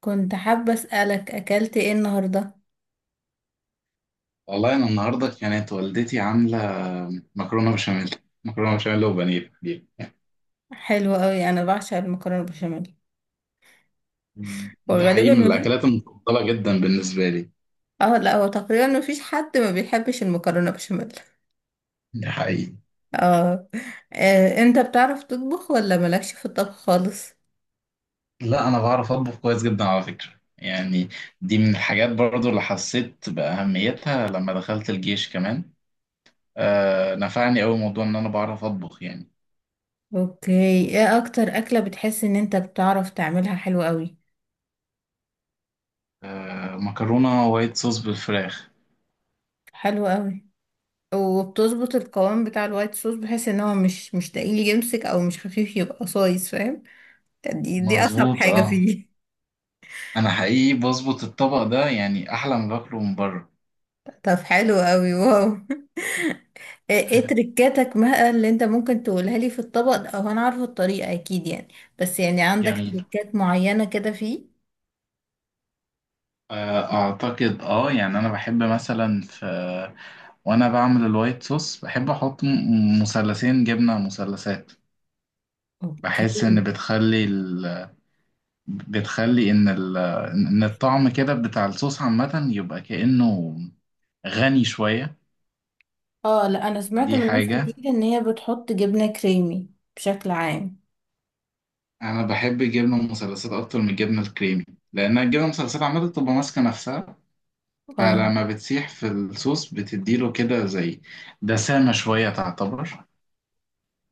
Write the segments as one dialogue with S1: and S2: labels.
S1: كنت حابة أسألك، أكلت إيه النهاردة؟
S2: والله انا النهارده كانت والدتي عامله مكرونه بشاميل مكرونه بشاميل وبانيه دي.
S1: حلو أوي، أنا بعشق المكرونة بشاميل.
S2: ده حقيقي
S1: وغالبا
S2: من
S1: ما في،
S2: الاكلات المفضله جدا بالنسبه لي.
S1: اه لا، هو تقريبا ما فيش حد ما بيحبش المكرونة بشاميل.
S2: ده حقيقي.
S1: اه. انت بتعرف تطبخ ولا مالكش في الطبخ خالص؟
S2: لا، انا بعرف اطبخ كويس جدا على فكره يعني. دي من الحاجات برضو اللي حسيت باهميتها لما دخلت الجيش كمان. آه، نفعني أوي موضوع ان انا بعرف اطبخ يعني.
S1: اوكي. ايه أكتر أكلة بتحس إن انت بتعرف تعملها حلو أوي؟
S2: آه، مكرونه وايت صوص بالفراخ.
S1: حلو أوي. وبتظبط القوام بتاع الوايت صوص بحيث ان هو مش تقيل يمسك او مش خفيف يبقى صايص، فاهم؟ دي اصعب
S2: مظبوط،
S1: حاجة
S2: اه.
S1: فيه.
S2: انا حقيقي بظبط الطبق ده يعني احلى ما باكله من بره.
S1: طب حلو أوي، واو. ايه تريكاتك بقى اللي انت ممكن تقولها لي في الطبق، او انا عارفه الطريقه اكيد يعني، بس يعني عندك
S2: جميل.
S1: تريكات معينه كده فيه.
S2: اعتقد يعني انا بحب مثلا في. وانا بعمل الوايت صوص بحب احط مثلثين جبنه مثلثات.
S1: اوكي.
S2: بحس ان بتخلي ال... بتخلي ان ال... ان الطعم كده بتاع الصوص عامه يبقى كانه غني شويه.
S1: اه لا، انا سمعت
S2: دي
S1: من ناس
S2: حاجه.
S1: كتير ان هي بتحط جبنه كريمي بشكل عام.
S2: انا بحب الجبنه المثلثات اكتر من الجبنه الكريمي، لان الجبنه المثلثات عامه بتبقى ماسكه نفسها.
S1: اه.
S2: فلما بتسيح في الصوص بتديله كده زي دسامه شويه تعتبر.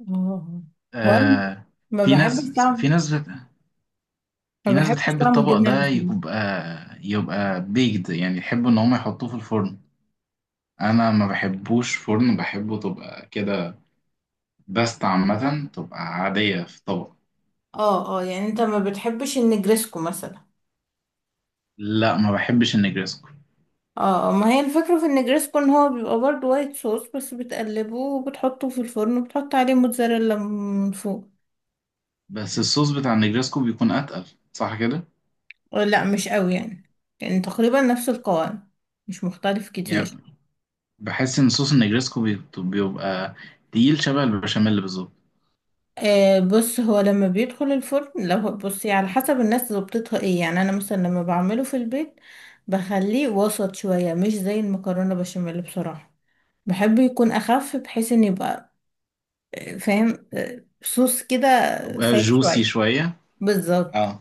S1: اه، هو انا
S2: آه.
S1: ما
S2: في
S1: بحبش
S2: ناس في
S1: طعم،
S2: ناس بت...
S1: ما
S2: في ناس
S1: بحبش
S2: بتحب
S1: طعم
S2: الطبق
S1: الجبنه
S2: ده
S1: المشلتت.
S2: يبقى بيكد يعني يحبوا ان هم يحطوه في الفرن. انا ما بحبوش فرن، بحبه تبقى كده باستا عامه تبقى عاديه في طبق.
S1: اه اه، يعني انت ما بتحبش النجرسكو مثلا؟
S2: لا، ما بحبش النجريسكو.
S1: اه، ما هي الفكره في النجرسكو ان هو بيبقى برضه وايت صوص، بس بتقلبه وبتحطه في الفرن وبتحط عليه موتزاريلا من فوق.
S2: بس الصوص بتاع النجريسكو بيكون اتقل، صح كده.
S1: لا مش قوي يعني، يعني تقريبا نفس القوام، مش مختلف كتير.
S2: يعني بحس ان صوص النجريسكو بيبقى تقيل شبه البشاميل بالظبط.
S1: آه بص، هو لما بيدخل الفرن لو بصي على حسب الناس ظبطتها ايه، يعني انا مثلا لما بعمله في البيت بخليه وسط شوية، مش زي المكرونة بشاميل بصراحة. بحب يكون اخف بحيث ان يبقى فاهم، صوص كده
S2: بيبقى
S1: سايح
S2: جوسي
S1: شوية
S2: شويه.
S1: بالظبط.
S2: اه.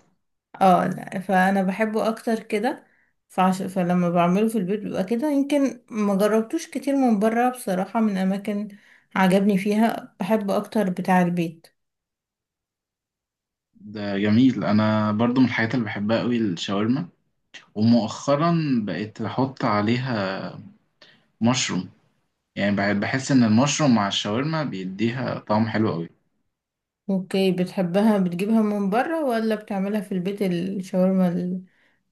S1: اه لا، فانا بحبه اكتر كده. فلما بعمله في البيت بيبقى كده. يمكن ما جربتوش كتير من بره بصراحة، من اماكن عجبني فيها، بحب اكتر بتاع البيت.
S2: ده جميل، انا برضو من الحاجات اللي بحبها قوي الشاورما. ومؤخرا بقيت احط عليها مشروم. يعني بحس ان المشروم مع الشاورما بيديها طعم حلو قوي.
S1: اوكي، بتحبها بتجيبها من بره ولا بتعملها في البيت الشاورما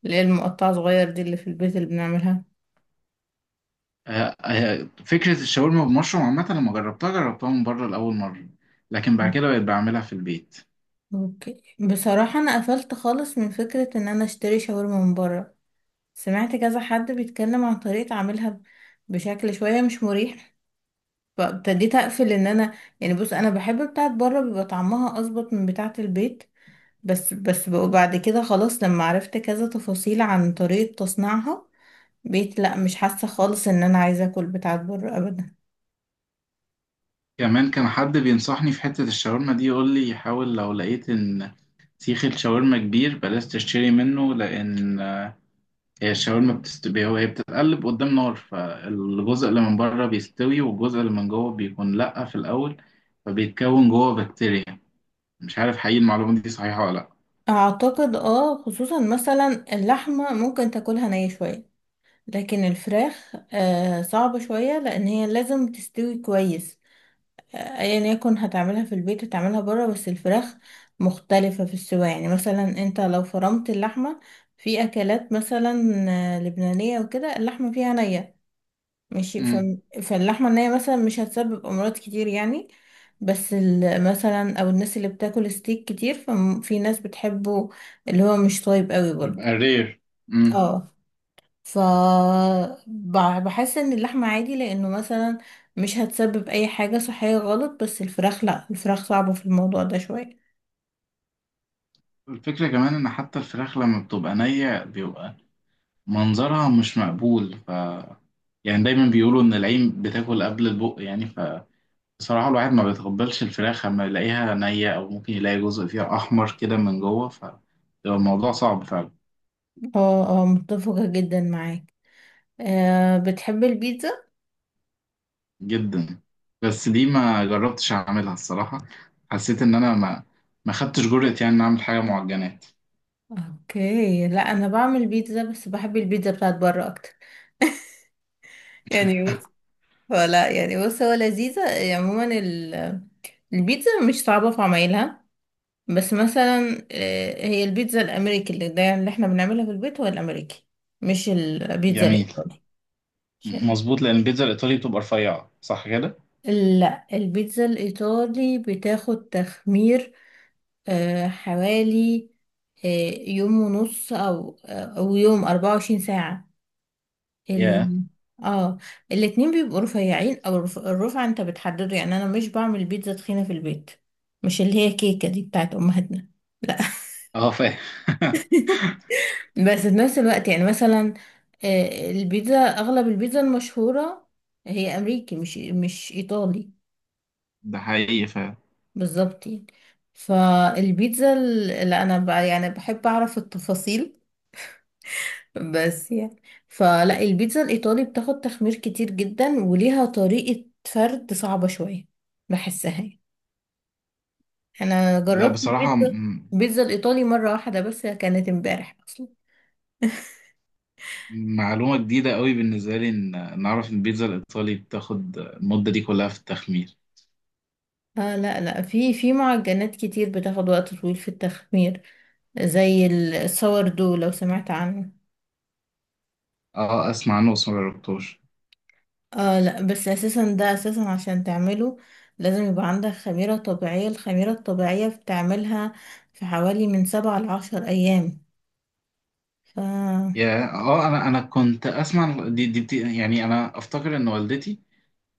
S1: اللي هي المقطعة صغير دي اللي في البيت اللي بنعملها؟
S2: آه، آه، فكرة الشاورما بمشروم عامة لما جربتها من بره لأول مرة. لكن بعد كده بقيت بعملها في البيت.
S1: اوكي بصراحة، انا قفلت خالص من فكرة ان انا اشتري شاورما من بره. سمعت كذا حد بيتكلم عن طريقة عملها بشكل شوية مش مريح، فابتديت اقفل ان انا، يعني بص، انا بحب بتاعت بره، بيبقى طعمها اظبط من بتاعت البيت، بس بقى بعد كده خلاص، لما عرفت كذا تفاصيل عن طريقة تصنيعها بقيت لا، مش حاسة خالص ان انا عايزة اكل بتاعت بره ابدا.
S2: كمان كان حد بينصحني في حتة الشاورما دي، يقول لي حاول لو لقيت إن سيخ الشاورما كبير بلاش تشتري منه، لأن هي الشاورما بتستوي، هي بتتقلب قدام نار، فالجزء اللي من بره بيستوي والجزء اللي من جوه بيكون لأ في الأول، فبيتكون جوه بكتيريا. مش عارف حقيقي المعلومة دي صحيحة ولا لأ.
S1: اعتقد اه، خصوصا مثلا اللحمة ممكن تاكلها نية شوية، لكن الفراخ آه صعبة شوية لان هي لازم تستوي كويس. ايا يكن هتعملها في البيت هتعملها بره، بس الفراخ مختلفة في السوا. يعني مثلا انت لو فرمت اللحمة في اكلات مثلا لبنانية وكده، اللحمة فيها نية ماشي.
S2: مم.
S1: فاللحمة النية مثلا مش هتسبب امراض كتير يعني، بس مثلا او الناس اللي بتاكل ستيك كتير، ففي ناس بتحبه اللي هو مش طيب قوي برضه.
S2: يبقى رير. مم.
S1: اه. ف بحس ان اللحمة عادي لانه مثلا مش هتسبب اي حاجة صحية غلط، بس الفراخ لا، الفراخ صعبة في الموضوع ده شوية.
S2: الفكرة كمان إن حتى الفراخ لما بتبقى نية بيبقى منظرها مش مقبول، ف يعني دايما بيقولوا إن العين بتاكل قبل البق يعني، فبصراحة الواحد ما بيتقبلش الفراخ لما يلاقيها نية أو ممكن يلاقي جزء فيها أحمر كده من جوه، ف بيبقى الموضوع صعب فعلا.
S1: اه اه، متفقة جدا معاك. أه، بتحب البيتزا؟
S2: جدا. بس دي ما جربتش اعملها الصراحة. حسيت ان انا ما خدتش جرأة يعني ان اعمل حاجة معجنات.
S1: اوكي، لا انا بعمل بيتزا، بس بحب البيتزا بتاعت بره اكتر. يعني بص، فلا يعني بص، هو لذيذة يعني عموما البيتزا مش صعبة في عمايلها. بس مثلا هي البيتزا الامريكي اللي ده اللي احنا بنعملها في البيت هو الامريكي، مش البيتزا
S2: جميل.
S1: الايطالي، عشان،
S2: مظبوط، لان البيتزا الايطالي بتبقى رفيعة، صح كده.
S1: لا البيتزا الإيطالي بتاخد تخمير حوالي آه، يوم ونص، أو أو يوم، 24 ساعة.
S2: ياه.
S1: ال... اه، الاتنين بيبقوا رفيعين، أو الرفعة أنت بتحدده. يعني أنا مش بعمل بيتزا تخينة في البيت، مش اللي هي كيكة دي بتاعت أمهاتنا، لا.
S2: اه، فاهم.
S1: بس في نفس الوقت يعني مثلا، البيتزا، أغلب البيتزا المشهورة هي أمريكي، مش إيطالي.
S2: ده حقيقي، فاهم.
S1: بالظبط يعني. فالبيتزا لا انا بقى يعني بحب اعرف التفاصيل، بس يعني، فلا البيتزا الايطالي بتاخد تخمير كتير جدا وليها طريقة فرد صعبة شوية، بحسها يعني. انا
S2: لا
S1: جربت
S2: بصراحة
S1: البيتزا، البيتزا الايطالي مرة واحدة، بس كانت امبارح اصلا.
S2: معلومة جديدة قوي بالنسبة لي ان نعرف ان البيتزا الايطالي بتاخد المدة دي كلها في التخمير.
S1: آه لا لا، في معجنات كتير بتاخد وقت طويل في التخمير، زي الساوردو لو سمعت عنه.
S2: اه، اسمع عنه بس ما جربتوش.
S1: اه لا، بس اساسا ده اساسا عشان تعمله لازم يبقى عندك خميرة طبيعية، الخميرة الطبيعية بتعملها في حوالي من سبعة لعشر ايام. ف
S2: يا اه انا كنت اسمع يعني انا افتكر ان والدتي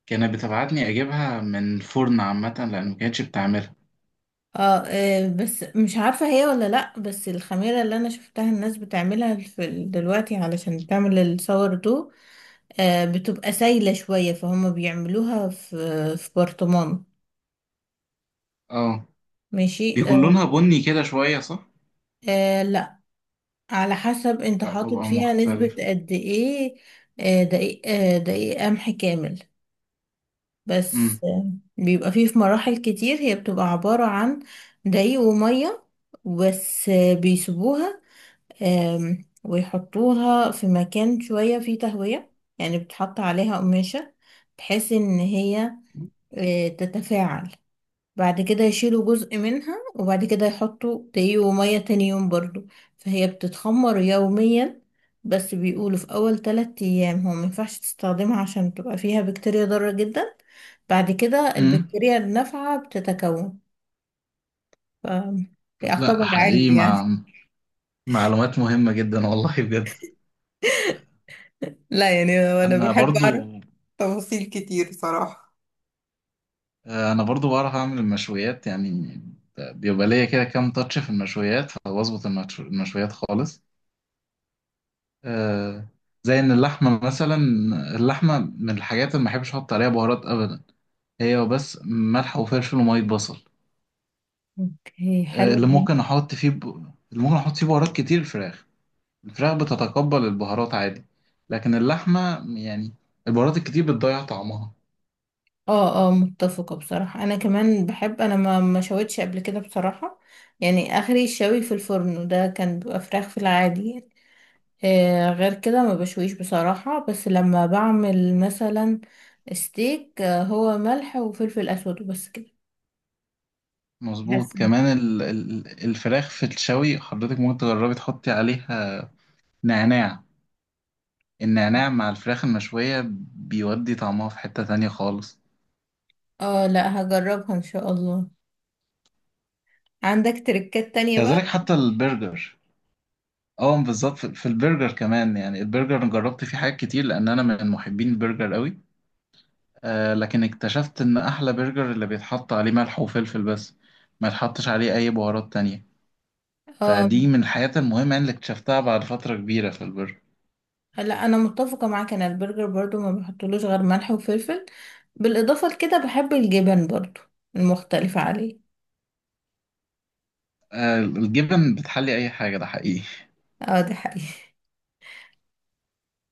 S2: كانت بتبعتني اجيبها من فرن عامة لان ما كانتش بتعملها.
S1: اه. بس مش عارفة هي ولا لا، بس الخميرة اللي انا شفتها الناس بتعملها في دلوقتي علشان تعمل الصور دو، آه بتبقى سايلة شوية، فهم بيعملوها في في برطمان،
S2: اه،
S1: ماشي
S2: بيكون
S1: آه.
S2: لونها بني كده شوية، صح؟
S1: آه، على حسب انت
S2: لا،
S1: حاطط
S2: طبقة
S1: فيها نسبة
S2: مختلفة.
S1: قد ايه، دقيق، دقيق قمح كامل، بس
S2: امم.
S1: بيبقى فيه، في مراحل كتير هي بتبقى عبارة عن دقيق ومية بس. بيسيبوها، ويحطوها في مكان شوية فيه تهوية، يعني بتحط عليها قماشة بحيث ان هي تتفاعل. بعد كده يشيلوا جزء منها، وبعد كده يحطوا دقيق ومية تاني يوم برضو، فهي بتتخمر يوميا. بس بيقولوا في أول 3 أيام هو مينفعش تستخدمها عشان بتبقى فيها بكتيريا ضارة جدا، بعد كده
S2: امم.
S1: البكتيريا النافعة بتتكون. ف
S2: لا
S1: يعتبر علم
S2: حقيقي
S1: يعني.
S2: معلومات مهمة جدا والله بجد.
S1: لا يعني أنا
S2: انا
S1: بحب أعرف.
S2: برضو انا برضو بعرف اعمل المشويات يعني. بيبقى ليا كده كام تاتش في المشويات، فبظبط المشويات خالص. آه، زي ان اللحمه مثلا. اللحمه من الحاجات اللي ما بحبش احط عليها بهارات ابدا. هي بس ملح وفلفل وميه بصل.
S1: اوكي
S2: آه،
S1: حلو
S2: اللي
S1: أوي.
S2: ممكن احط فيه ب... اللي ممكن احط فيه بهارات كتير الفراخ. الفراخ بتتقبل البهارات عادي، لكن اللحمة يعني البهارات الكتير بتضيع طعمها.
S1: اه اه متفقة بصراحة. أنا كمان بحب، أنا ما شويتش قبل كده بصراحة، يعني آخري الشوي في الفرن وده كان بيبقى فراخ في العادي يعني. غير كده ما بشويش بصراحة، بس لما بعمل مثلا ستيك، هو ملح وفلفل اسود وبس كده.
S2: مظبوط.
S1: حاسه إن-
S2: كمان الفراخ في الشوي حضرتك ممكن تجربي تحطي عليها نعناع. النعناع مع الفراخ المشوية بيودي طعمها في حتة تانية خالص.
S1: اه لا، هجربها ان شاء الله. عندك تركات تانية
S2: كذلك
S1: بقى؟
S2: حتى البرجر. اه بالظبط، في البرجر كمان، يعني البرجر أنا جربت فيه حاجات كتير لان انا من محبين البرجر قوي. آه، لكن اكتشفت ان احلى برجر اللي بيتحط عليه ملح وفلفل بس، ما يتحطش عليه اي بهارات تانية.
S1: اه
S2: فدي من الحاجات المهمة يعني اللي اكتشفتها بعد فترة كبيرة في البرجر.
S1: لا، انا متفقة معاك، انا البرجر برضو ما بحطلوش غير ملح وفلفل، بالاضافة لكده بحب الجبن برضو المختلفة عليه.
S2: آه، الجبن بتحلي اي حاجة، ده حقيقي.
S1: اه، ده حقيقي.